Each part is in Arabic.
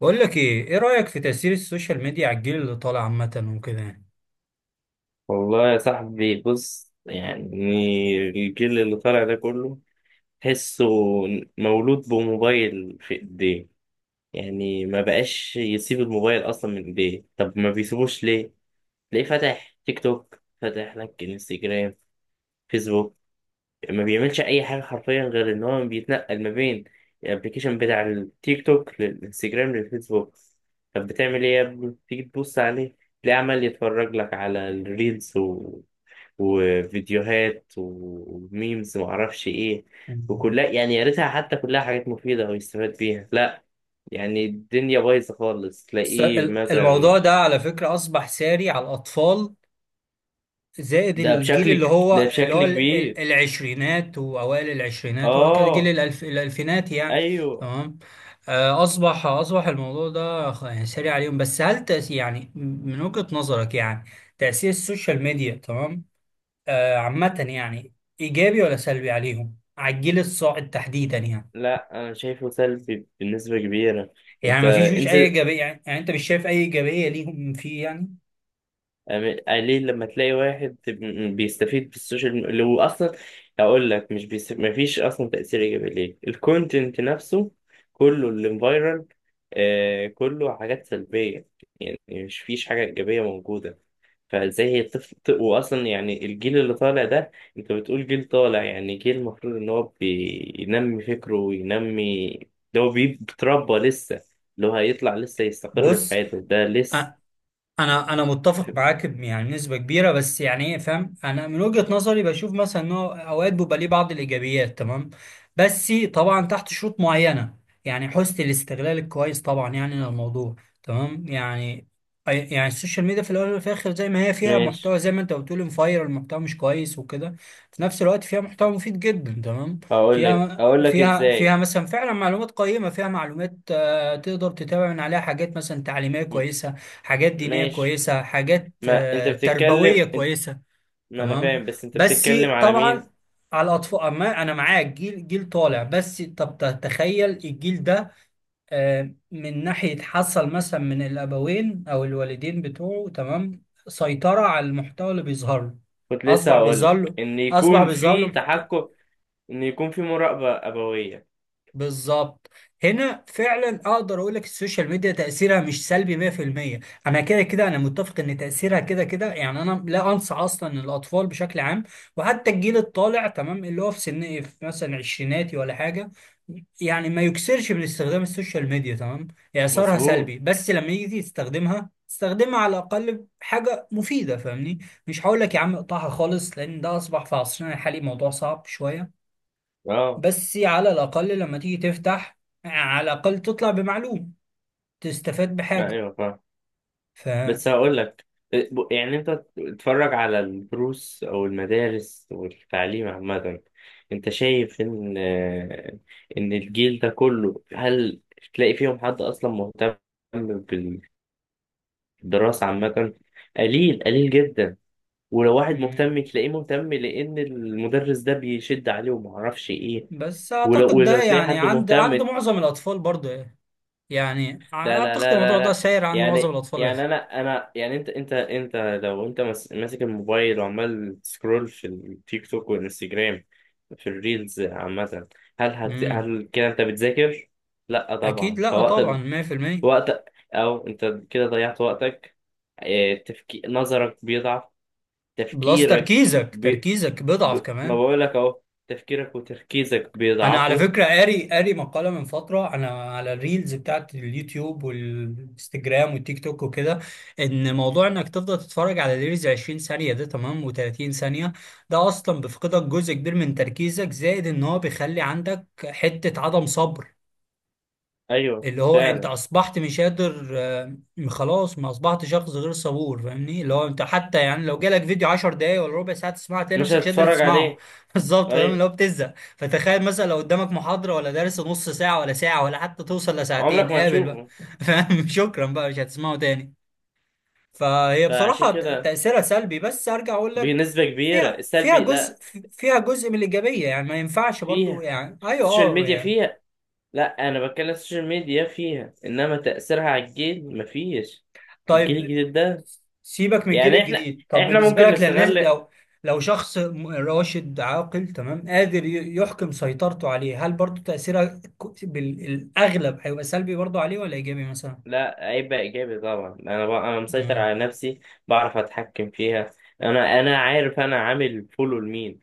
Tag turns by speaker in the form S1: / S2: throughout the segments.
S1: بقول لك ايه ايه رأيك في تأثير السوشيال ميديا على الجيل اللي طالع عامة وكده يعني؟
S2: والله يا صاحبي بص، يعني الجيل اللي طالع ده كله تحسه مولود بموبايل في ايديه. يعني ما بقاش يسيب الموبايل اصلا من ايديه. طب ما بيسيبوش ليه؟ تلاقيه فاتح تيك توك، فاتح لك انستجرام، فيسبوك. ما بيعملش اي حاجه حرفيا غير ان هو بيتنقل ما بين الابليكيشن بتاع التيك توك للانستجرام للفيسبوك. طب بتعمل ايه يا ابني؟ تيجي تبص عليه تلاقيه عمال يتفرج لك على الريلز، وفيديوهات وميمز ومعرفش ايه.
S1: مم.
S2: وكلها، يعني يا ريتها حتى كلها حاجات مفيدة ويستفاد بيها، لا. يعني الدنيا بايظة خالص، تلاقيه مثلا
S1: الموضوع ده على فكرة أصبح ساري على الأطفال، زائد الجيل اللي
S2: ده
S1: هو اللي هو
S2: بشكل كبير.
S1: العشرينات وأوائل العشرينات وهكذا، جيل
S2: اه،
S1: الألف الألفينات يعني.
S2: ايوه.
S1: تمام. آه، أصبح الموضوع ده يعني ساري عليهم، بس هل يعني من وجهة نظرك يعني، تأثير السوشيال ميديا تمام، آه، عامة يعني، إيجابي ولا سلبي عليهم على الجيل الصاعد تحديدا يعني؟
S2: لا، انا شايفه سلبي بالنسبة كبيرة.
S1: يعني
S2: انت
S1: ما فيش اي
S2: انزل،
S1: ايجابيه يعني, يعني انت مش شايف اي ايجابيه ليهم فيه يعني؟
S2: ليه لما تلاقي واحد بيستفيد بالسوشيال ميديا اللي اصلا، اقول لك مش بيس... مفيش اصلا تاثير ايجابي ليه. الكونتنت نفسه كله اللي فايرال، آه، كله حاجات سلبيه. يعني مش فيش حاجه ايجابيه موجوده. فازاي هي طفل؟ واصلا يعني الجيل اللي طالع ده، انت بتقول جيل طالع، يعني جيل المفروض ان هو بينمي فكره وينمي، بيتربى لسه، اللي هو هيطلع لسه يستقر في
S1: بص،
S2: حياته، ده
S1: أ-
S2: لسه.
S1: انا متفق معاك يعني بنسبه كبيره، بس يعني ايه، فاهم، انا من وجهه نظري بشوف مثلا ان هو اوقات بيبقى ليه بعض الايجابيات تمام، بس طبعا تحت شروط معينه، يعني حسن الاستغلال الكويس طبعا يعني للموضوع تمام. يعني يعني السوشيال ميديا في الاول وفي الاخر زي ما هي فيها
S2: ماشي.
S1: محتوى، زي ما انت بتقول مفاير المحتوى مش كويس وكده، في نفس الوقت فيها محتوى مفيد جدا تمام.
S2: هقول لك
S1: فيها
S2: هقول لك
S1: فيها فيها
S2: ازاي.
S1: مثلا فعلا معلومات قيمه، فيها معلومات آه، تقدر تتابع من عليها حاجات مثلا تعليميه
S2: م-
S1: كويسه، حاجات دينية
S2: ماشي.
S1: كويسة، حاجات
S2: ما انت
S1: آه، تربوية
S2: بتتكلم انت...
S1: كويسة.
S2: ما انا
S1: تمام،
S2: فاهم، بس انت
S1: بس
S2: بتتكلم على مين؟
S1: طبعا على الأطفال. أما أنا معاك، جيل جيل طالع، بس طب تخيل الجيل ده آه، من ناحية حصل مثلا من الأبوين أو الوالدين بتوعه تمام سيطرة على المحتوى اللي بيظهر له،
S2: كنت لسه
S1: أصبح
S2: هقول
S1: بيظهر
S2: لك
S1: له،
S2: ان
S1: أصبح
S2: يكون
S1: بيظهر
S2: في
S1: له.
S2: تحكم، ان يكون في مراقبة أبوية.
S1: بالظبط. هنا فعلا اقدر اقول لك السوشيال ميديا تاثيرها مش سلبي 100%. انا كده كده انا متفق ان تاثيرها كده كده يعني، انا لا انصح اصلا الاطفال بشكل عام وحتى الجيل الطالع تمام، اللي هو في سن إيه، في مثلا عشريناتي ولا حاجه، يعني ما يكسرش من استخدام السوشيال ميديا تمام. يعني اثرها سلبي،
S2: مظبوط،
S1: بس لما يجي تستخدمها تستخدمها على الاقل حاجه مفيده، فاهمني؟ مش هقول لك يا عم اقطعها خالص، لان ده اصبح في عصرنا الحالي موضوع صعب شويه،
S2: اه.
S1: بس على الأقل لما تيجي تفتح، على الأقل تطلع بمعلوم، تستفاد
S2: لا،
S1: بحاجة.
S2: ايوه فاهم.
S1: ف،
S2: بس هقول لك، يعني انت تتفرج على الدروس او المدارس والتعليم عامة، انت شايف ان الجيل ده كله، هل تلاقي فيهم حد اصلا مهتم الدراسة عامة؟ قليل قليل جدا. ولو واحد
S1: مم.
S2: مهتم تلاقيه مهتم لأن المدرس ده بيشد عليه ومعرفش إيه.
S1: بس
S2: ولو
S1: أعتقد
S2: ولو
S1: ده
S2: تلاقي
S1: يعني
S2: حد
S1: عند
S2: مهتم،
S1: عند
S2: لا
S1: معظم الأطفال برضه يعني، يعني
S2: لا لا
S1: أعتقد
S2: لا
S1: الموضوع ده
S2: لا.
S1: ساير عند معظم
S2: يعني
S1: الأطفال واخد.
S2: يعني أنا يعني أنت. لو أنت ماسك الموبايل وعمال تسكرول في التيك توك والإنستجرام، في الريلز عامة، هل هت
S1: مم.
S2: هل كده أنت بتذاكر؟ لا
S1: أكيد
S2: طبعا.
S1: لأ طبعا
S2: فوقتك
S1: 100%.
S2: وقت أو أنت كده ضيعت وقتك. نظرك بيضعف،
S1: بلس
S2: تفكيرك
S1: تركيزك
S2: بي...
S1: تركيزك
S2: ب...
S1: بيضعف
S2: ما
S1: كمان.
S2: بقول لك اهو، تفكيرك وتركيزك
S1: انا على
S2: بيضعفوا.
S1: فكره قاري مقاله من فتره انا على الريلز بتاعت اليوتيوب والانستجرام والتيك توك وكده، ان موضوع انك تفضل تتفرج على ريلز 20 ثانيه ده تمام و30 ثانيه، ده اصلا بيفقدك جزء كبير من تركيزك، زائد ان هو بيخلي عندك حته عدم صبر،
S2: ايوه
S1: اللي هو انت
S2: فعلا.
S1: اصبحت مش قادر آه، خلاص، ما اصبحت شخص غير صبور، فاهمني؟ اللي هو انت حتى يعني لو جالك فيديو 10 دقايق ولا ربع ساعه تسمعه، تلاقي
S2: مش
S1: نفسك مش قادر
S2: هتتفرج
S1: تسمعه
S2: عليه.
S1: بالظبط، فاهم؟
S2: ايوه،
S1: اللي هو بتزهق، فتخيل مثلا لو قدامك محاضره ولا درس نص ساعه ولا ساعه ولا حتى توصل لساعتين،
S2: عمرك ما
S1: قابل بقى
S2: هتشوفه.
S1: فاهم، شكرا بقى، مش هتسمعه تاني. فهي
S2: فعشان
S1: بصراحه
S2: كده،
S1: تاثيرها سلبي، بس ارجع اقول لك،
S2: بنسبة كبيرة
S1: فيها
S2: السلبي،
S1: جزء،
S2: لا
S1: فيها جزء من الايجابيه يعني، ما ينفعش برضو
S2: فيها،
S1: يعني ايوه
S2: السوشيال
S1: اه
S2: ميديا
S1: يعني.
S2: فيها، لا انا بتكلم السوشيال ميديا فيها، انما تأثيرها على الجيل مفيش. الجيل
S1: طيب،
S2: الجديد ده.
S1: سيبك من الجيل
S2: يعني احنا،
S1: الجديد، طب
S2: احنا
S1: بالنسبه
S2: ممكن
S1: لك للناس،
S2: نستغل.
S1: لو لو شخص راشد عاقل تمام، قادر يحكم سيطرته عليه، هل برضه تاثيرها بالاغلب هيبقى سلبي برضه عليه ولا ايجابي مثلا؟
S2: لا عيب، إيجابي طبعا. أنا مسيطر
S1: امم
S2: على نفسي، بعرف أتحكم فيها. أنا عارف، أنا عامل فولو لمين،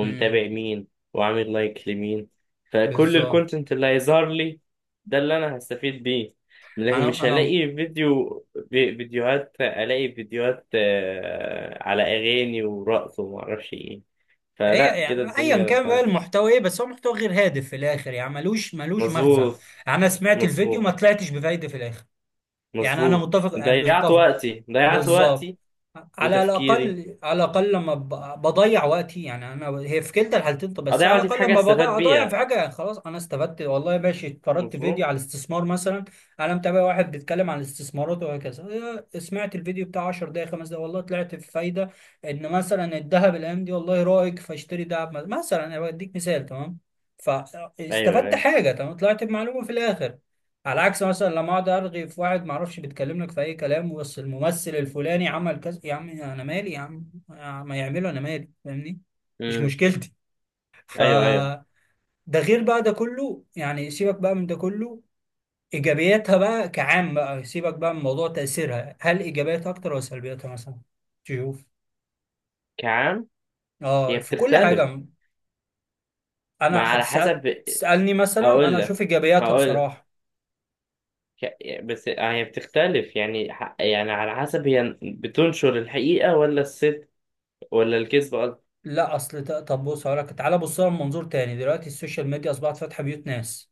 S1: امم
S2: مين، وعامل لايك لمين. فكل
S1: بالظبط.
S2: الكونتنت اللي هيظهر لي ده اللي أنا هستفيد بيه. لكن
S1: انا
S2: مش هلاقي
S1: انا
S2: فيديو، فيديوهات، ألاقي فيديوهات، آه، على أغاني ورقص ومعرفش إيه.
S1: هي
S2: فلا، كده
S1: يعني ايا
S2: الدنيا
S1: كان بقى
S2: بقى.
S1: المحتوى ايه، بس هو محتوى غير هادف في الاخر يعني، ملوش مغزى.
S2: مظبوط،
S1: انا سمعت الفيديو ما
S2: مظبوط،
S1: طلعتش بفايده في الاخر، يعني انا
S2: مظبوط.
S1: متفق أه،
S2: ضيعت
S1: متفق.
S2: وقتي، ضيعت
S1: بالظبط،
S2: وقتي
S1: على
S2: وتفكيري.
S1: الاقل، على الاقل لما بضيع وقتي، يعني انا هي في كلتا الحالتين، طب بس
S2: اضيع
S1: على
S2: وقتي في
S1: الاقل
S2: حاجه
S1: لما
S2: استفاد
S1: بضيع اضيع في
S2: بيها.
S1: حاجه، يعني خلاص انا استفدت والله، ماشي اتفرجت فيديو
S2: مظبوط،
S1: على الاستثمار مثلا، انا متابع واحد بيتكلم عن الاستثمارات وهكذا، إيه، سمعت الفيديو بتاع 10 دقائق 5 دقائق والله طلعت في فايده، ان مثلا الذهب الايام دي والله رايق فاشتري ذهب مثلا، انا بديك مثال تمام،
S2: ايوه
S1: فاستفدت
S2: ايوه.
S1: حاجه تمام، طلعت بمعلومه في الاخر. على عكس مثلا لما اقعد ارغي في واحد ما اعرفش بيتكلم لك في اي كلام، بس الممثل الفلاني عمل كذا، يا عم انا مالي، يا عم ما يعمله انا مالي فاهمني، مش
S2: امم،
S1: مشكلتي. ف،
S2: ايوه ايوه.
S1: ده غير بقى ده كله يعني، سيبك بقى من ده كله، ايجابياتها بقى كعام بقى، سيبك بقى من موضوع تاثيرها، هل ايجابياتها اكتر ولا سلبياتها مثلا؟ تشوف
S2: كعام،
S1: اه
S2: هي
S1: في كل
S2: بتختلف.
S1: حاجه. انا
S2: ما على
S1: هتسال
S2: حسب.
S1: تسالني مثلا،
S2: اقول
S1: انا
S2: لك،
S1: اشوف ايجابياتها
S2: هقول لك،
S1: بصراحه.
S2: بس آه، هي بتختلف، يعني على حسب هي بتنشر الحقيقه ولا الصدق، ولا الكذب قصدي.
S1: لا، اصل طب بص هقول لك، تعالى بص لها من منظور تاني، دلوقتي السوشيال ميديا اصبحت فاتحه بيوت ناس،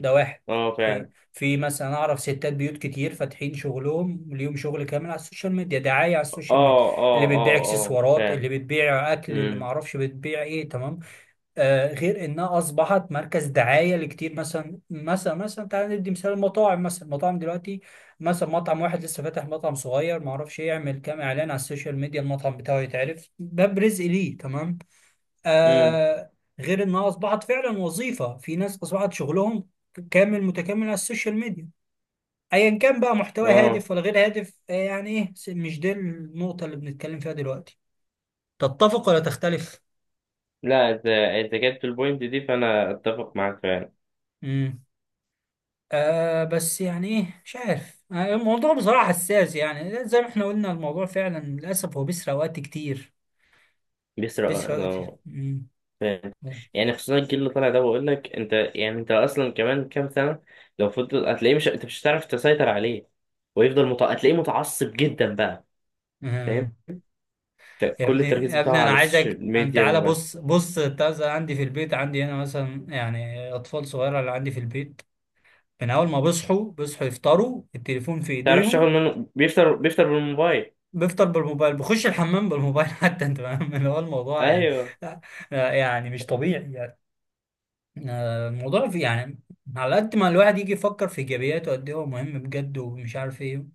S1: ده واحد.
S2: اه
S1: في
S2: فعلا.
S1: في مثلا اعرف ستات بيوت كتير فاتحين شغلهم، ليهم شغل كامل على السوشيال ميديا، دعايه على
S2: اه،
S1: السوشيال ميديا،
S2: اه،
S1: اللي بتبيع
S2: اه، اه،
S1: اكسسوارات،
S2: فعلا.
S1: اللي بتبيع اكل، اللي ما
S2: امم،
S1: اعرفش بتبيع ايه تمام، آه، غير انها اصبحت مركز دعايه لكتير، مثلا مثلا مثلا تعالى ندي مثال المطاعم، مثلا المطاعم دلوقتي مثلا، مطعم واحد لسه فاتح مطعم صغير ما اعرفش يعمل كام اعلان على السوشيال ميديا، المطعم بتاعه يتعرف، باب رزق ليه تمام،
S2: امم،
S1: آه، غير انها اصبحت فعلا وظيفه، في ناس اصبحت شغلهم كامل متكامل على السوشيال ميديا، ايا كان بقى محتوى
S2: اه.
S1: هادف ولا غير هادف آه يعني ايه، مش دي النقطه اللي بنتكلم فيها دلوقتي. تتفق ولا تختلف؟
S2: لا، انت جبت البوينت دي فانا اتفق معاك فعلا.
S1: امم. آه، بس يعني ايه مش عارف آه، الموضوع بصراحه حساس يعني، زي ما احنا قلنا الموضوع فعلا للاسف هو بيسرق وقت كتير.
S2: بيسرق وقت،
S1: بيسرق وقت كتير.
S2: اه
S1: مم.
S2: فاهم.
S1: مم.
S2: يعني خصوصا الجيل اللي طالع ده، بقول لك انت، يعني انت اصلا كمان كام سنه لو فضل، هتلاقيه، مش انت، مش هتعرف تسيطر عليه. ويفضل هتلاقيه متعصب جدا بقى.
S1: آه.
S2: فاهم.
S1: يا
S2: كل
S1: ابني
S2: التركيز
S1: يا ابني
S2: بتاعه
S1: انا
S2: على
S1: عايزك
S2: السوشيال
S1: انت،
S2: ميديا.
S1: تعالى
S2: ما
S1: بص بص، التازة عندي في البيت، عندي هنا مثلا يعني اطفال صغيره اللي عندي في البيت، من اول ما بيصحوا يفطروا، التليفون في
S2: تعرفش
S1: ايديهم،
S2: شغل منه، بيفطر بالموبايل.
S1: بيفطر بالموبايل، بخش الحمام بالموبايل حتى، انت فاهم اللي هو الموضوع يعني.
S2: ايوه.
S1: لا- لا، يعني مش طبيعي يعني، آه، الموضوع في يعني، على قد ما الواحد يجي يفكر في ايجابياته قد ايه هو مهم بجد ومش عارف ايه،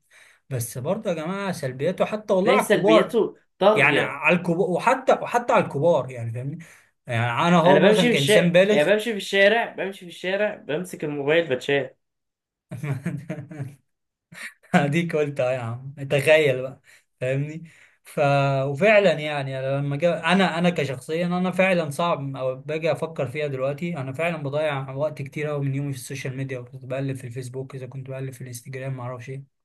S1: بس برضه يا جماعه سلبياته حتى والله
S2: تلاقي
S1: على الكبار،
S2: سلبياته
S1: يعني
S2: طاغيه.
S1: على الكبار، وحتى على الكبار يعني، فاهمني؟ يعني انا هو
S2: انا بمشي
S1: مثلا
S2: في
S1: كانسان
S2: الشارع،
S1: بالغ
S2: بمسك الموبايل بتشال.
S1: اديك قلت اه يا عم، تخيل بقى، فاهمني. ف، وفعلا يعني أنا انا انا كشخصيا انا فعلا صعب او باجي افكر فيها، دلوقتي انا فعلا بضيع وقت كتير قوي من يومي في السوشيال ميديا، وكنت بقلب في الفيسبوك، اذا كنت بقلب في الانستجرام ما اعرفش ايه،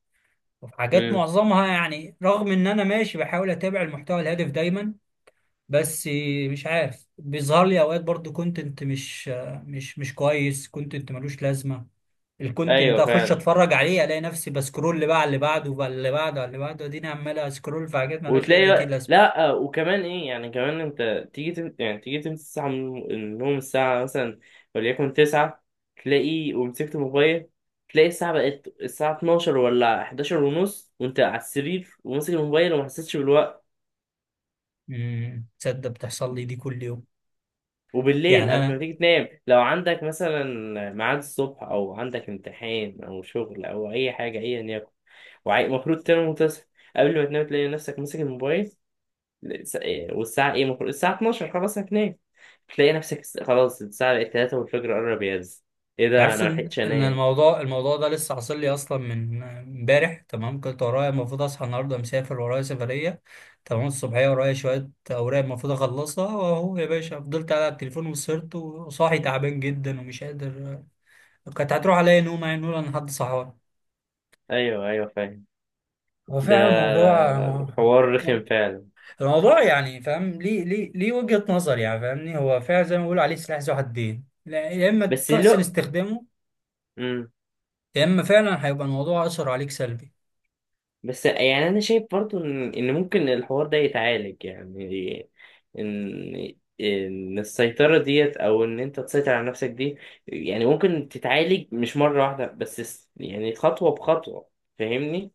S1: وفي حاجات
S2: امم،
S1: معظمها يعني، رغم ان انا ماشي بحاول اتابع المحتوى الهادف دايما، بس مش عارف بيظهر لي اوقات برضو كونتنت مش كويس، كونتنت ملوش لازمه، الكونتنت ده
S2: ايوه
S1: اخش
S2: فعلا.
S1: اتفرج عليه الاقي نفسي بسكرول اللي بقى على اللي بعده وعلى اللي بعده وعلى اللي بعده، اديني عمال اسكرول في حاجات ملهاش اي ذاتي
S2: وتلاقي،
S1: لازمه.
S2: لا آه، وكمان ايه يعني، كمان انت تيجي يعني تيجي تمسك الساعه من النوم، الساعه مثلا وليكن 9، تلاقي ومسكت الموبايل، تلاقي الساعه بقت الساعه 12 ولا 11 ونص، وانت على السرير وماسك الموبايل، وما حسيتش بالوقت.
S1: تصدق بتحصل لي دي كل يوم؟
S2: وبالليل
S1: يعني
S2: قبل ما
S1: انا
S2: تيجي تنام، لو عندك مثلا ميعاد الصبح، او عندك امتحان او شغل او اي حاجه ايا يكن، ومفروض تنام وتصحى، قبل ما تنام تلاقي نفسك ماسك الموبايل. إيه، والساعة إيه؟ المفروض الساعة 12 خلاص هتنام، تلاقي نفسك خلاص الساعة بقت 3 والفجر قرب يهز. إيه ده؟
S1: عارف
S2: أنا
S1: ان
S2: ملحقتش
S1: ان
S2: أنام.
S1: الموضوع ده لسه حاصل لي اصلا من امبارح تمام، كنت ورايا المفروض اصحى النهارده مسافر، ورايا سفريه تمام، الصبحيه ورايا شويه اوراق المفروض اخلصها، واهو يا باشا فضلت قاعد على التليفون وسهرت، وصاحي تعبان جدا ومش قادر، كانت هتروح عليا نوم يعني، نقول انا حد صحوان.
S2: أيوه أيوه فاهم.
S1: هو
S2: ده
S1: فعلا الموضوع،
S2: الحوار رخم فعلا.
S1: الموضوع يعني فاهم، ليه ليه ليه وجهة نظر يعني، فاهمني، هو فعلا زي ما بيقولوا عليه سلاح ذو حدين، لا، يا اما
S2: بس
S1: تحسن
S2: لو،
S1: استخدامه،
S2: مم.
S1: يا اما فعلا هيبقى الموضوع اثر عليك سلبي.
S2: بس يعني أنا شايف برضو إن ممكن الحوار ده يتعالج، يعني إن السيطرة ديت، أو إن أنت تسيطر على نفسك دي، يعني ممكن تتعالج، مش مرة واحدة، بس يعني خطوة بخطوة. فاهمني؟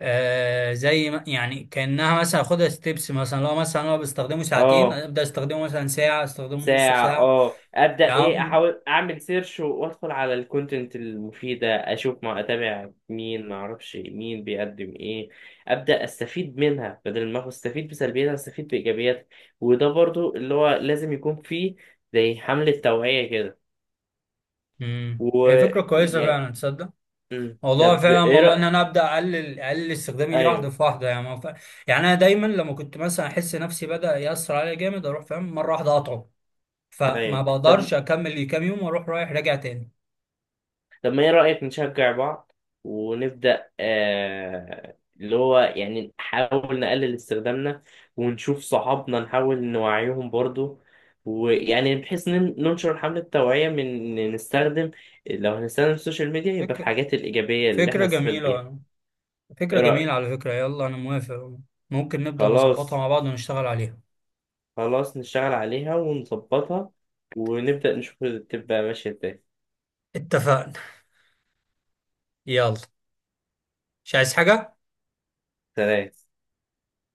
S1: آه، زي ما يعني كأنها مثلا اخدها ستيبس مثلا، لو مثلا انا بستخدمه ساعتين
S2: آه،
S1: ابدا استخدمه مثلا ساعة، استخدمه نص
S2: ساعة
S1: ساعة
S2: اه، ابدأ ايه،
S1: يعني.
S2: احاول اعمل سيرش وادخل على الكونتنت المفيدة، اشوف ما اتابع مين، ما اعرفش مين بيقدم ايه. ابدأ استفيد منها، بدل ما استفيد بسلبياتها، استفيد بايجابياتها. وده برضو اللي هو لازم يكون فيه، زي حملة توعية كده.
S1: امم،
S2: و...
S1: هي فكرة
S2: و...
S1: كويسة
S2: يا...
S1: فعلا، تصدق،
S2: مم،
S1: موضوع،
S2: طب
S1: فعلا
S2: ايه
S1: موضوع، ان
S2: رأيك؟
S1: انا ابدا اقلل استخدامي ليه واحدة
S2: ايوه
S1: في واحدة يعني، ما ف... يعني انا دايما لما كنت مثلا احس نفسي بدا يأثر عليا جامد، اروح فاهم مرة واحدة اقطعه، فما
S2: ايوه. طب،
S1: بقدرش اكمل لي كام يوم واروح رايح راجع تاني.
S2: ما ايه رأيك نشجع بعض، ونبدأ آه اللي هو يعني نحاول نقلل استخدامنا، ونشوف صحابنا نحاول نوعيهم برضو، ويعني بحيث إن ننشر حملة توعية، من إن نستخدم، لو هنستخدم السوشيال ميديا، يبقى في
S1: فكرة
S2: الحاجات الإيجابية اللي احنا
S1: فكرة
S2: هنستفاد بيها.
S1: جميلة، فكرة
S2: ايه رأيك؟
S1: جميلة على فكرة، يلا انا موافق، ممكن نبدأ نظبطها
S2: خلاص.
S1: مع بعض ونشتغل عليها.
S2: خلاص نشتغل عليها ونظبطها، ونبدأ نشوف تبقى ماشية ازاي.
S1: اتفقنا، يلا، مش عايز حاجة.
S2: سلام.